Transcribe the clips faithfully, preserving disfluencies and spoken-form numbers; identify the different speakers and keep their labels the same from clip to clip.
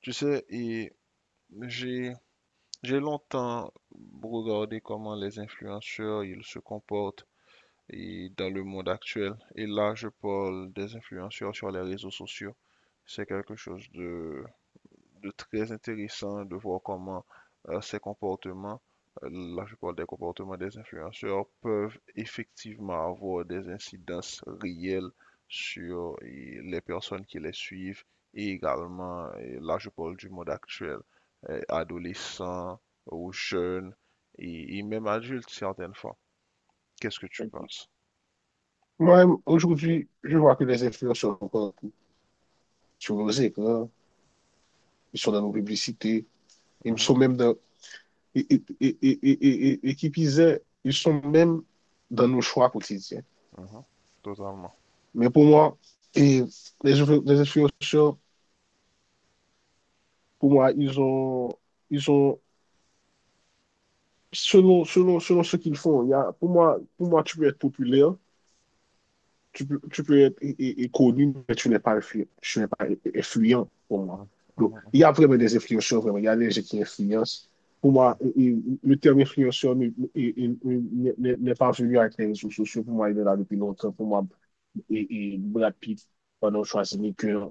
Speaker 1: Tu sais, et j'ai j'ai longtemps regardé comment les influenceurs ils se comportent et dans le monde actuel. Et là, je parle des influenceurs sur les réseaux sociaux. C'est quelque chose de de très intéressant de voir comment euh, ces comportements, euh, là je parle des comportements des influenceurs, peuvent effectivement avoir des incidences réelles sur euh, les personnes qui les suivent et également, euh, là je parle du monde actuel, euh, adolescents ou jeunes et, et même adultes certaines fois. Qu'est-ce que tu penses?
Speaker 2: Moi, aujourd'hui, je vois que les influenceurs sont partout, sur nos écrans, ils sont dans nos publicités, ils
Speaker 1: Mhm,
Speaker 2: sont même dans, et, et, et, et, et, et- et qui plus est, ils sont même dans nos choix quotidiens.
Speaker 1: mhm, totalement.
Speaker 2: Mais pour moi, et les, influ- les influenceurs, pour moi, ils ont, ils ont, selon, selon, selon ce qu'ils font, il y a, pour moi, pour moi, tu peux être populaire. Tu peux, tu peux être é- é- connu, mais tu n'es pas, influ- tu n'es pas influent pour moi.
Speaker 1: Mhm,
Speaker 2: Donc, il y
Speaker 1: mhm,
Speaker 2: a vraiment des influenceurs, vraiment. Il y a des gens qui influencent. Pour moi, et- et le terme influenceur ne- et- et- n'est n'est- n'est pas venu avec les réseaux sociaux. Pour moi, il est là depuis longtemps. Pour moi, et, et Brad Pitt, pendant Schwarzenegger,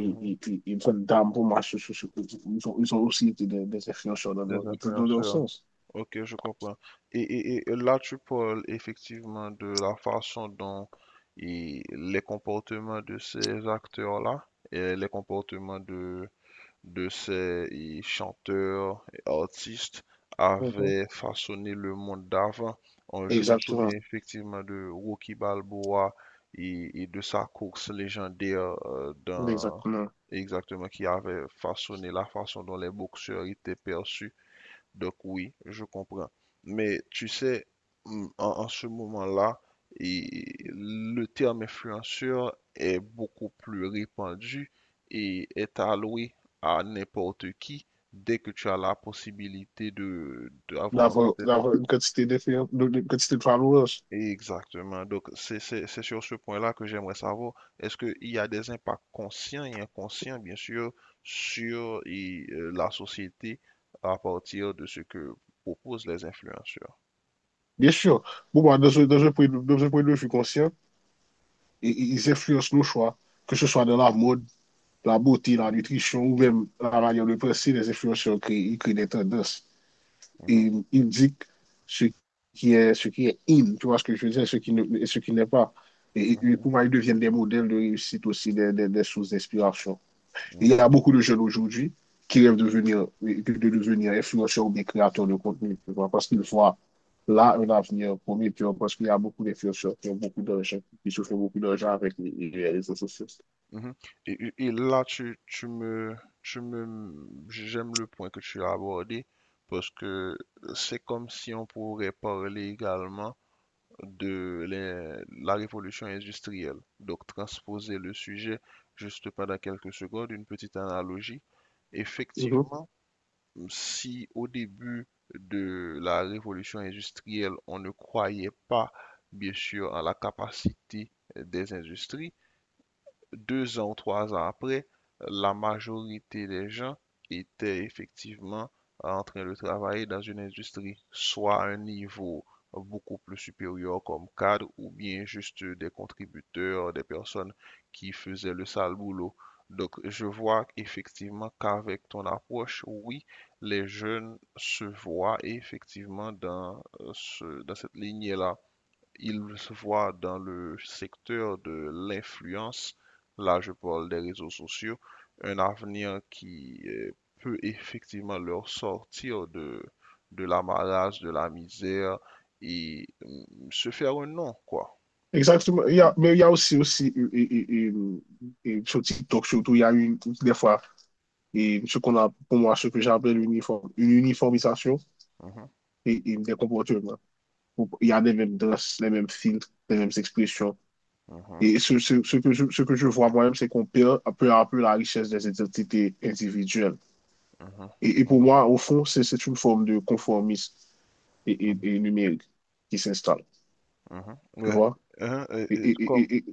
Speaker 1: mhm.
Speaker 2: et,
Speaker 1: Mhm.
Speaker 2: et, et Van Damme, pour moi, ce- ce- ce- ils ont, ils ont aussi été des, des influenceurs dans leur,
Speaker 1: Des
Speaker 2: dans leur
Speaker 1: influenceurs.
Speaker 2: sens.
Speaker 1: Ok, je comprends. Et, et- et- là, tu parles effectivement de la façon dont et les comportements de ces acteurs-là et les comportements de, de ces et, chanteurs et artistes
Speaker 2: Mhm.
Speaker 1: avaient façonné le monde d'avant. Euh, Je me souviens
Speaker 2: Exactement.
Speaker 1: effectivement de Rocky Balboa et, et de sa course légendaire euh, dans,
Speaker 2: Exactement.
Speaker 1: exactement, qui avait façonné la façon dont les boxeurs étaient perçus donc oui, je comprends. Mais tu sais, mm, en, en ce moment-là, et le terme influenceur est beaucoup plus répandu et est alloué à n'importe qui dès que tu as la possibilité de d'avoir un
Speaker 2: D'avoir
Speaker 1: compte.
Speaker 2: d'avoir une quantité d'influence, une quantité de followers.
Speaker 1: Exactement. Donc c'est c'est- c'est sur ce point-là que j'aimerais savoir, est-ce qu'il y a des impacts conscients et inconscients, bien sûr, sur et, euh, la société à partir de ce que proposent les influenceurs?
Speaker 2: Bien sûr. bon moi, dans un, dans un point de, dans un point de vue conscient, i- i- ils influencent nos choix, que ce soit dans la mode, la beauté, la nutrition ou même la manière de penser. Les influenceurs créent, ils créent des tendances.
Speaker 1: Mhm,
Speaker 2: Et ils indiquent ce qui est, ce qui est in, tu vois ce que je veux dire, ce qui ne, et ce qui n'est pas. Et,
Speaker 1: mhm,
Speaker 2: et pour moi,
Speaker 1: mhm,
Speaker 2: ils deviennent des modèles de réussite aussi, des, des, des sources d'inspiration. Il y a
Speaker 1: mhm,
Speaker 2: beaucoup de jeunes aujourd'hui qui rêvent de devenir, de devenir influenceurs ou bien créateurs de contenu, tu vois, parce qu'ils voient là un avenir promis, tu vois, parce qu'il y a beaucoup d'influenceurs qui ont beaucoup d'argent, qui se font beaucoup d'argent avec les, les réseaux sociaux.
Speaker 1: mhm. Et, et- et là, tu, tu me, tu me, j'aime le point que tu as abordé parce que c'est comme si on pourrait parler également de les- la révolution industrielle. Donc, transposer le sujet juste pendant quelques secondes, une petite analogie.
Speaker 2: Mhm.
Speaker 1: Effectivement, si au début de la révolution industrielle, on ne croyait pas, bien sûr, à la capacité des industries, deux ans ou trois ans après, la majorité des gens étaient effectivement en train de travailler dans une industrie, soit à un niveau beaucoup plus supérieur comme cadre, ou bien juste des contributeurs, des personnes qui faisaient le sale boulot. Donc, je vois effectivement qu'avec ton approche, oui, les jeunes se voient effectivement dans, euh, ce- dans cette lignée-là. Il se voit dans le secteur de l'influence, là je parle des réseaux sociaux, un avenir qui euh, peut effectivement leur sortir de, de l'amarrage, de la misère et mm, se faire un nom, quoi.
Speaker 2: Exactement. Il y a, mais il y a aussi, aussi et, et- et- et sur TikTok, surtout, il y a une, des fois, et ce qu'on a, pour moi, ce que j'appelle uniforme, une uniformisation
Speaker 1: Mhm,
Speaker 2: et, et des comportements. Il y a les mêmes danses, les mêmes filtres, les mêmes expressions.
Speaker 1: mhm,
Speaker 2: Et ce, ce- ce que je, ce que je vois moi-même, c'est qu'on perd peu à peu la richesse des identités individuelles.
Speaker 1: mhm,
Speaker 2: Et, et pour
Speaker 1: mhm,
Speaker 2: moi, au fond, c'est c'est une forme de conformisme et, et-
Speaker 1: mhm,
Speaker 2: et numérique qui s'installe,
Speaker 1: mhm.
Speaker 2: tu
Speaker 1: Ouais.
Speaker 2: vois?
Speaker 1: Hein, et-
Speaker 2: Et
Speaker 1: et
Speaker 2: et-
Speaker 1: comme...
Speaker 2: et- et-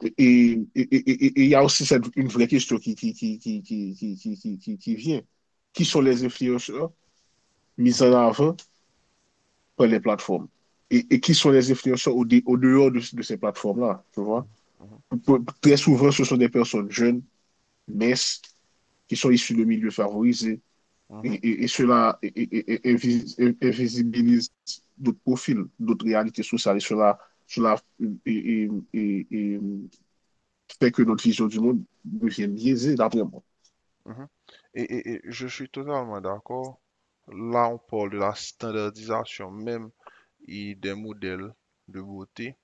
Speaker 2: et- et- et- et- et il y a aussi cette, une vraie question qui, qui, qui, qui, qui, qui, qui, qui, qui- qui vient. Qui sont les influenceurs mis en
Speaker 1: Mhm,
Speaker 2: avant par les plateformes? Et, et qui sont les influenceurs au, dé- au dehors de, de ces plateformes-là, tu vois?
Speaker 1: mhm,
Speaker 2: Peu- Très souvent, ce sont des personnes jeunes, minces, qui sont issus de milieux favorisés.
Speaker 1: mhm,
Speaker 2: Et,
Speaker 1: mhm,
Speaker 2: et, et cela invisibilise d'autres profils, d'autres réalités sociales. Et cela, cela et, et, et, et fait que notre vision du monde devient biaisée, d'après moi.
Speaker 1: mhm. Et, et- et je suis totalement d'accord. Là, on parle de la standardisation même et des modèles de beauté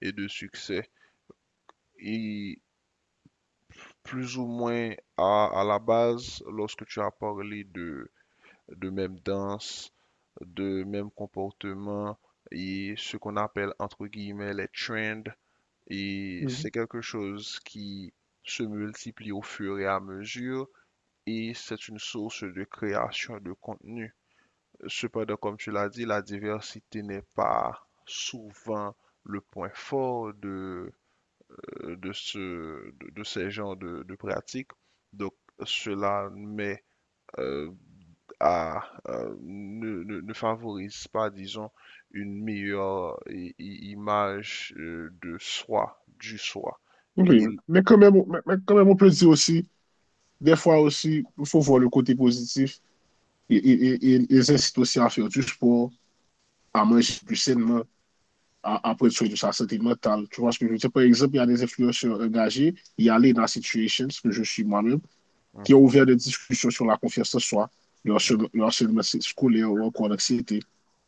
Speaker 1: et de succès. Et plus ou moins à, à la base, lorsque tu as parlé de, de même danse, de même comportement et ce qu'on appelle entre guillemets les trends, et
Speaker 2: Mm -hmm.
Speaker 1: c'est quelque chose qui se multiplie au fur et à mesure et c'est une source de création de contenu. Cependant, comme tu l'as dit, la diversité n'est pas souvent le point fort de, euh, de ce, de, de ces genres de, de pratiques. Donc, cela met euh, à, euh, ne, ne- ne favorise pas, disons, une meilleure i- i- image euh, de soi, du soi.
Speaker 2: Oui,
Speaker 1: Et...
Speaker 2: mais quand, même, mais quand même, on peut dire aussi, des fois aussi, il faut voir le côté positif. Et, ils incitent aussi à faire du sport, à manger plus sainement, après tout de sa santé mentale. Tu vois ce que je veux dire? Par exemple, il y a des influenceurs engagés, il y a Lena Situations, que je suis moi-même, qui ont
Speaker 1: Mhm,
Speaker 2: ouvert des discussions sur la confiance en soi, le
Speaker 1: mhm,
Speaker 2: harcèlement, le harcèlement scolaire ou encore l'anxiété.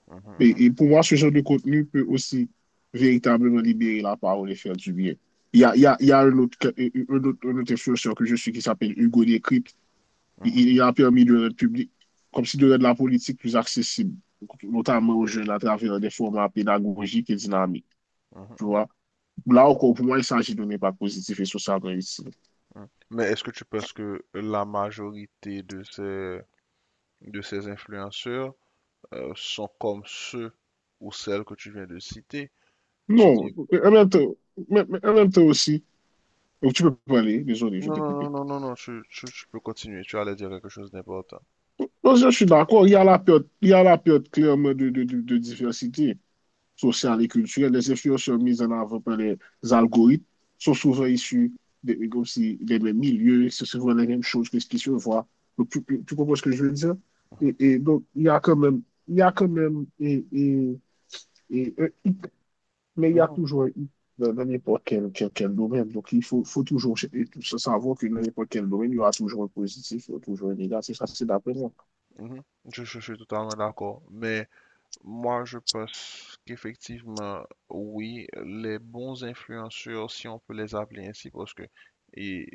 Speaker 1: mhm,
Speaker 2: Et, et pour moi, ce genre de contenu peut aussi véritablement libérer la parole et faire du bien. Il y a, il y a, il y a un, autre, un, autre, un autre influenceur que je suis qui s'appelle Hugo Décrypte. Il,
Speaker 1: mhm,
Speaker 2: il
Speaker 1: mhm,
Speaker 2: a permis de rendre public, comme si de rendre la politique plus accessible, notamment aux jeunes à travers des formats pédagogiques et dynamiques.
Speaker 1: mhm,
Speaker 2: Tu
Speaker 1: mhm,
Speaker 2: vois? Là encore, pour moi, il s'agit de ne pas positif et socialement utile.
Speaker 1: mhm. Mais est-ce que tu penses que la majorité de ces, de ces influenceurs euh, sont comme ceux ou celles que tu viens de citer? Tu
Speaker 2: Non, en même temps, mais- mais en même temps aussi, donc tu peux parler, désolé, je
Speaker 1: non,
Speaker 2: t'ai
Speaker 1: non, non,
Speaker 2: coupé.
Speaker 1: non, non, non, tu, tu, tu peux continuer. Tu allais dire quelque chose d'important.
Speaker 2: Non, je suis d'accord, il y a la période, il y a la période clairement de, de, de, de diversité sociale et culturelle. Les influenceurs mises en avant par les algorithmes sont souvent issus des, comme si, des mêmes milieux, c'est souvent les mêmes choses que ce qui se voit. Donc, tu, tu tu comprends ce que je veux dire? Et, et donc, il y a quand même, il y a quand même, et, et, et, mais il y a
Speaker 1: Mhm,
Speaker 2: toujours un hic dans dans n'importe quel, quel, quel domaine. Donc, il faut, faut toujours ch- et tout ça, savoir que dans n'importe quel domaine, il y aura toujours un positif, il y aura toujours un négatif. Ça, c'est d'après moi.
Speaker 1: mhm. Je, je suis totalement d'accord. Mais moi, je pense qu'effectivement, oui, les bons influenceurs, si on peut les appeler ainsi, parce que et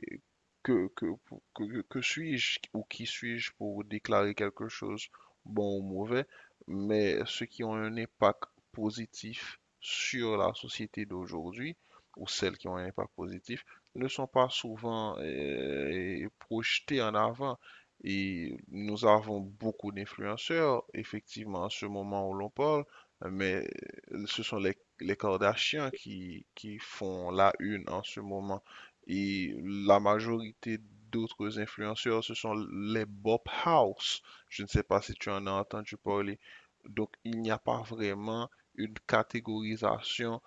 Speaker 1: que, que, que, que suis-je ou qui suis-je pour déclarer quelque chose, bon ou mauvais, mais ceux qui ont un impact positif sur la société d'aujourd'hui, ou celles qui ont un impact positif, ne sont pas souvent euh, projetés en avant. Et nous avons beaucoup d'influenceurs, effectivement, en ce moment où l'on parle, mais euh, ce sont les, les Kardashians qui, qui font la une en ce moment. Et la majorité d'autres influenceurs, ce sont les Bob House. Je ne sais pas si tu en as entendu parler. Donc, il n'y a pas vraiment une catégorisation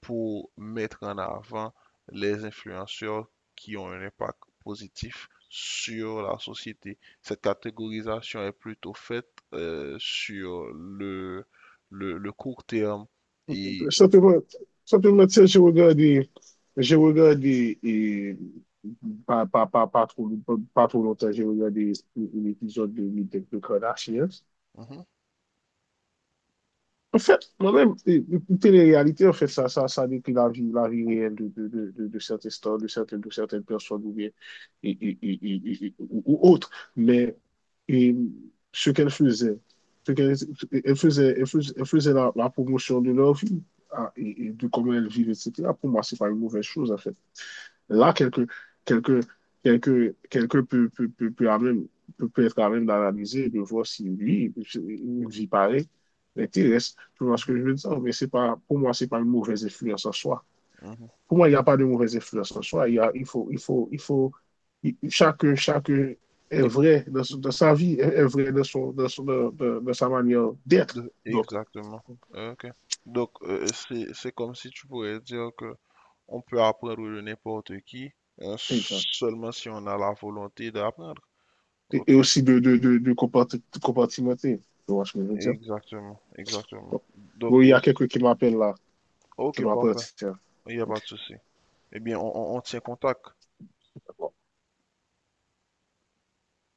Speaker 1: pour mettre en avant les influenceurs qui ont un impact positif sur la société. Cette catégorisation est plutôt faite euh, sur le, le, le court terme et...
Speaker 2: Simplement, simplement, tu j'ai regardé, j'ai regardé, et pas, pas, pas, pas trop, pas, pas trop longtemps, j'ai regardé un un épisode de Meet the Kardashians.
Speaker 1: Mhm,
Speaker 2: En fait, moi-même, euh, euh, télé-réalité, en fait, ça, ça, ça décrit la vie, la vie réelle de, de, de, de, de certaines stars, de certaines, de certaines personnes ou bien, et- et- et- et- et- ou ou autres. Mais et, ce qu'elles faisaient, ce qu'elles elle faisait, elle faisait, elle faisait la, la promotion de leur vie, ah, et, et de comment elles vivent, et cetera. Pour moi, c'est pas une mauvaise chose, en fait. Là, quelqu'un quelqu'un quelqu'un quelqu'un peut, peut, peut, peut à même, peut, peut être à même d'analyser et de voir si lui, une vie pareille, l'intéresse. Tu vois ce
Speaker 1: mhm,
Speaker 2: que je veux dire? Mais c'est pas, pour moi, c'est pas une mauvaise influence en soi.
Speaker 1: mhm.
Speaker 2: Pour moi, il n'y a pas de mauvaise influence en soi. Il y a, il faut, il faut, il faut, il- chacun, chacun est
Speaker 1: Il faut-
Speaker 2: vrai dans, son-
Speaker 1: mhm,
Speaker 2: dans sa vie, est, est
Speaker 1: mhm.
Speaker 2: vrai dans, son, dans, son- dans, dans- dans sa manière d'être.
Speaker 1: De-
Speaker 2: Donc,
Speaker 1: exactement. Ok. Donc, euh, c'est, c'est comme si tu pourrais dire que on peut apprendre de n'importe qui, hein,
Speaker 2: exact.
Speaker 1: seulement si on a la volonté d'apprendre.
Speaker 2: Et, et
Speaker 1: Ok.
Speaker 2: aussi de, de, de, de comparti- compartimenter. Tu vois ce que je veux dire?
Speaker 1: Exactement, exactement.
Speaker 2: Donc,
Speaker 1: Donc,
Speaker 2: oui, il y
Speaker 1: et-
Speaker 2: a quelqu'un qui m'appelle là. Je
Speaker 1: ok,
Speaker 2: me rappelle,
Speaker 1: parfait.
Speaker 2: tiens.
Speaker 1: Il n'y a pas
Speaker 2: Ok.
Speaker 1: de souci. Eh bien, on, on on tient contact.
Speaker 2: Bon,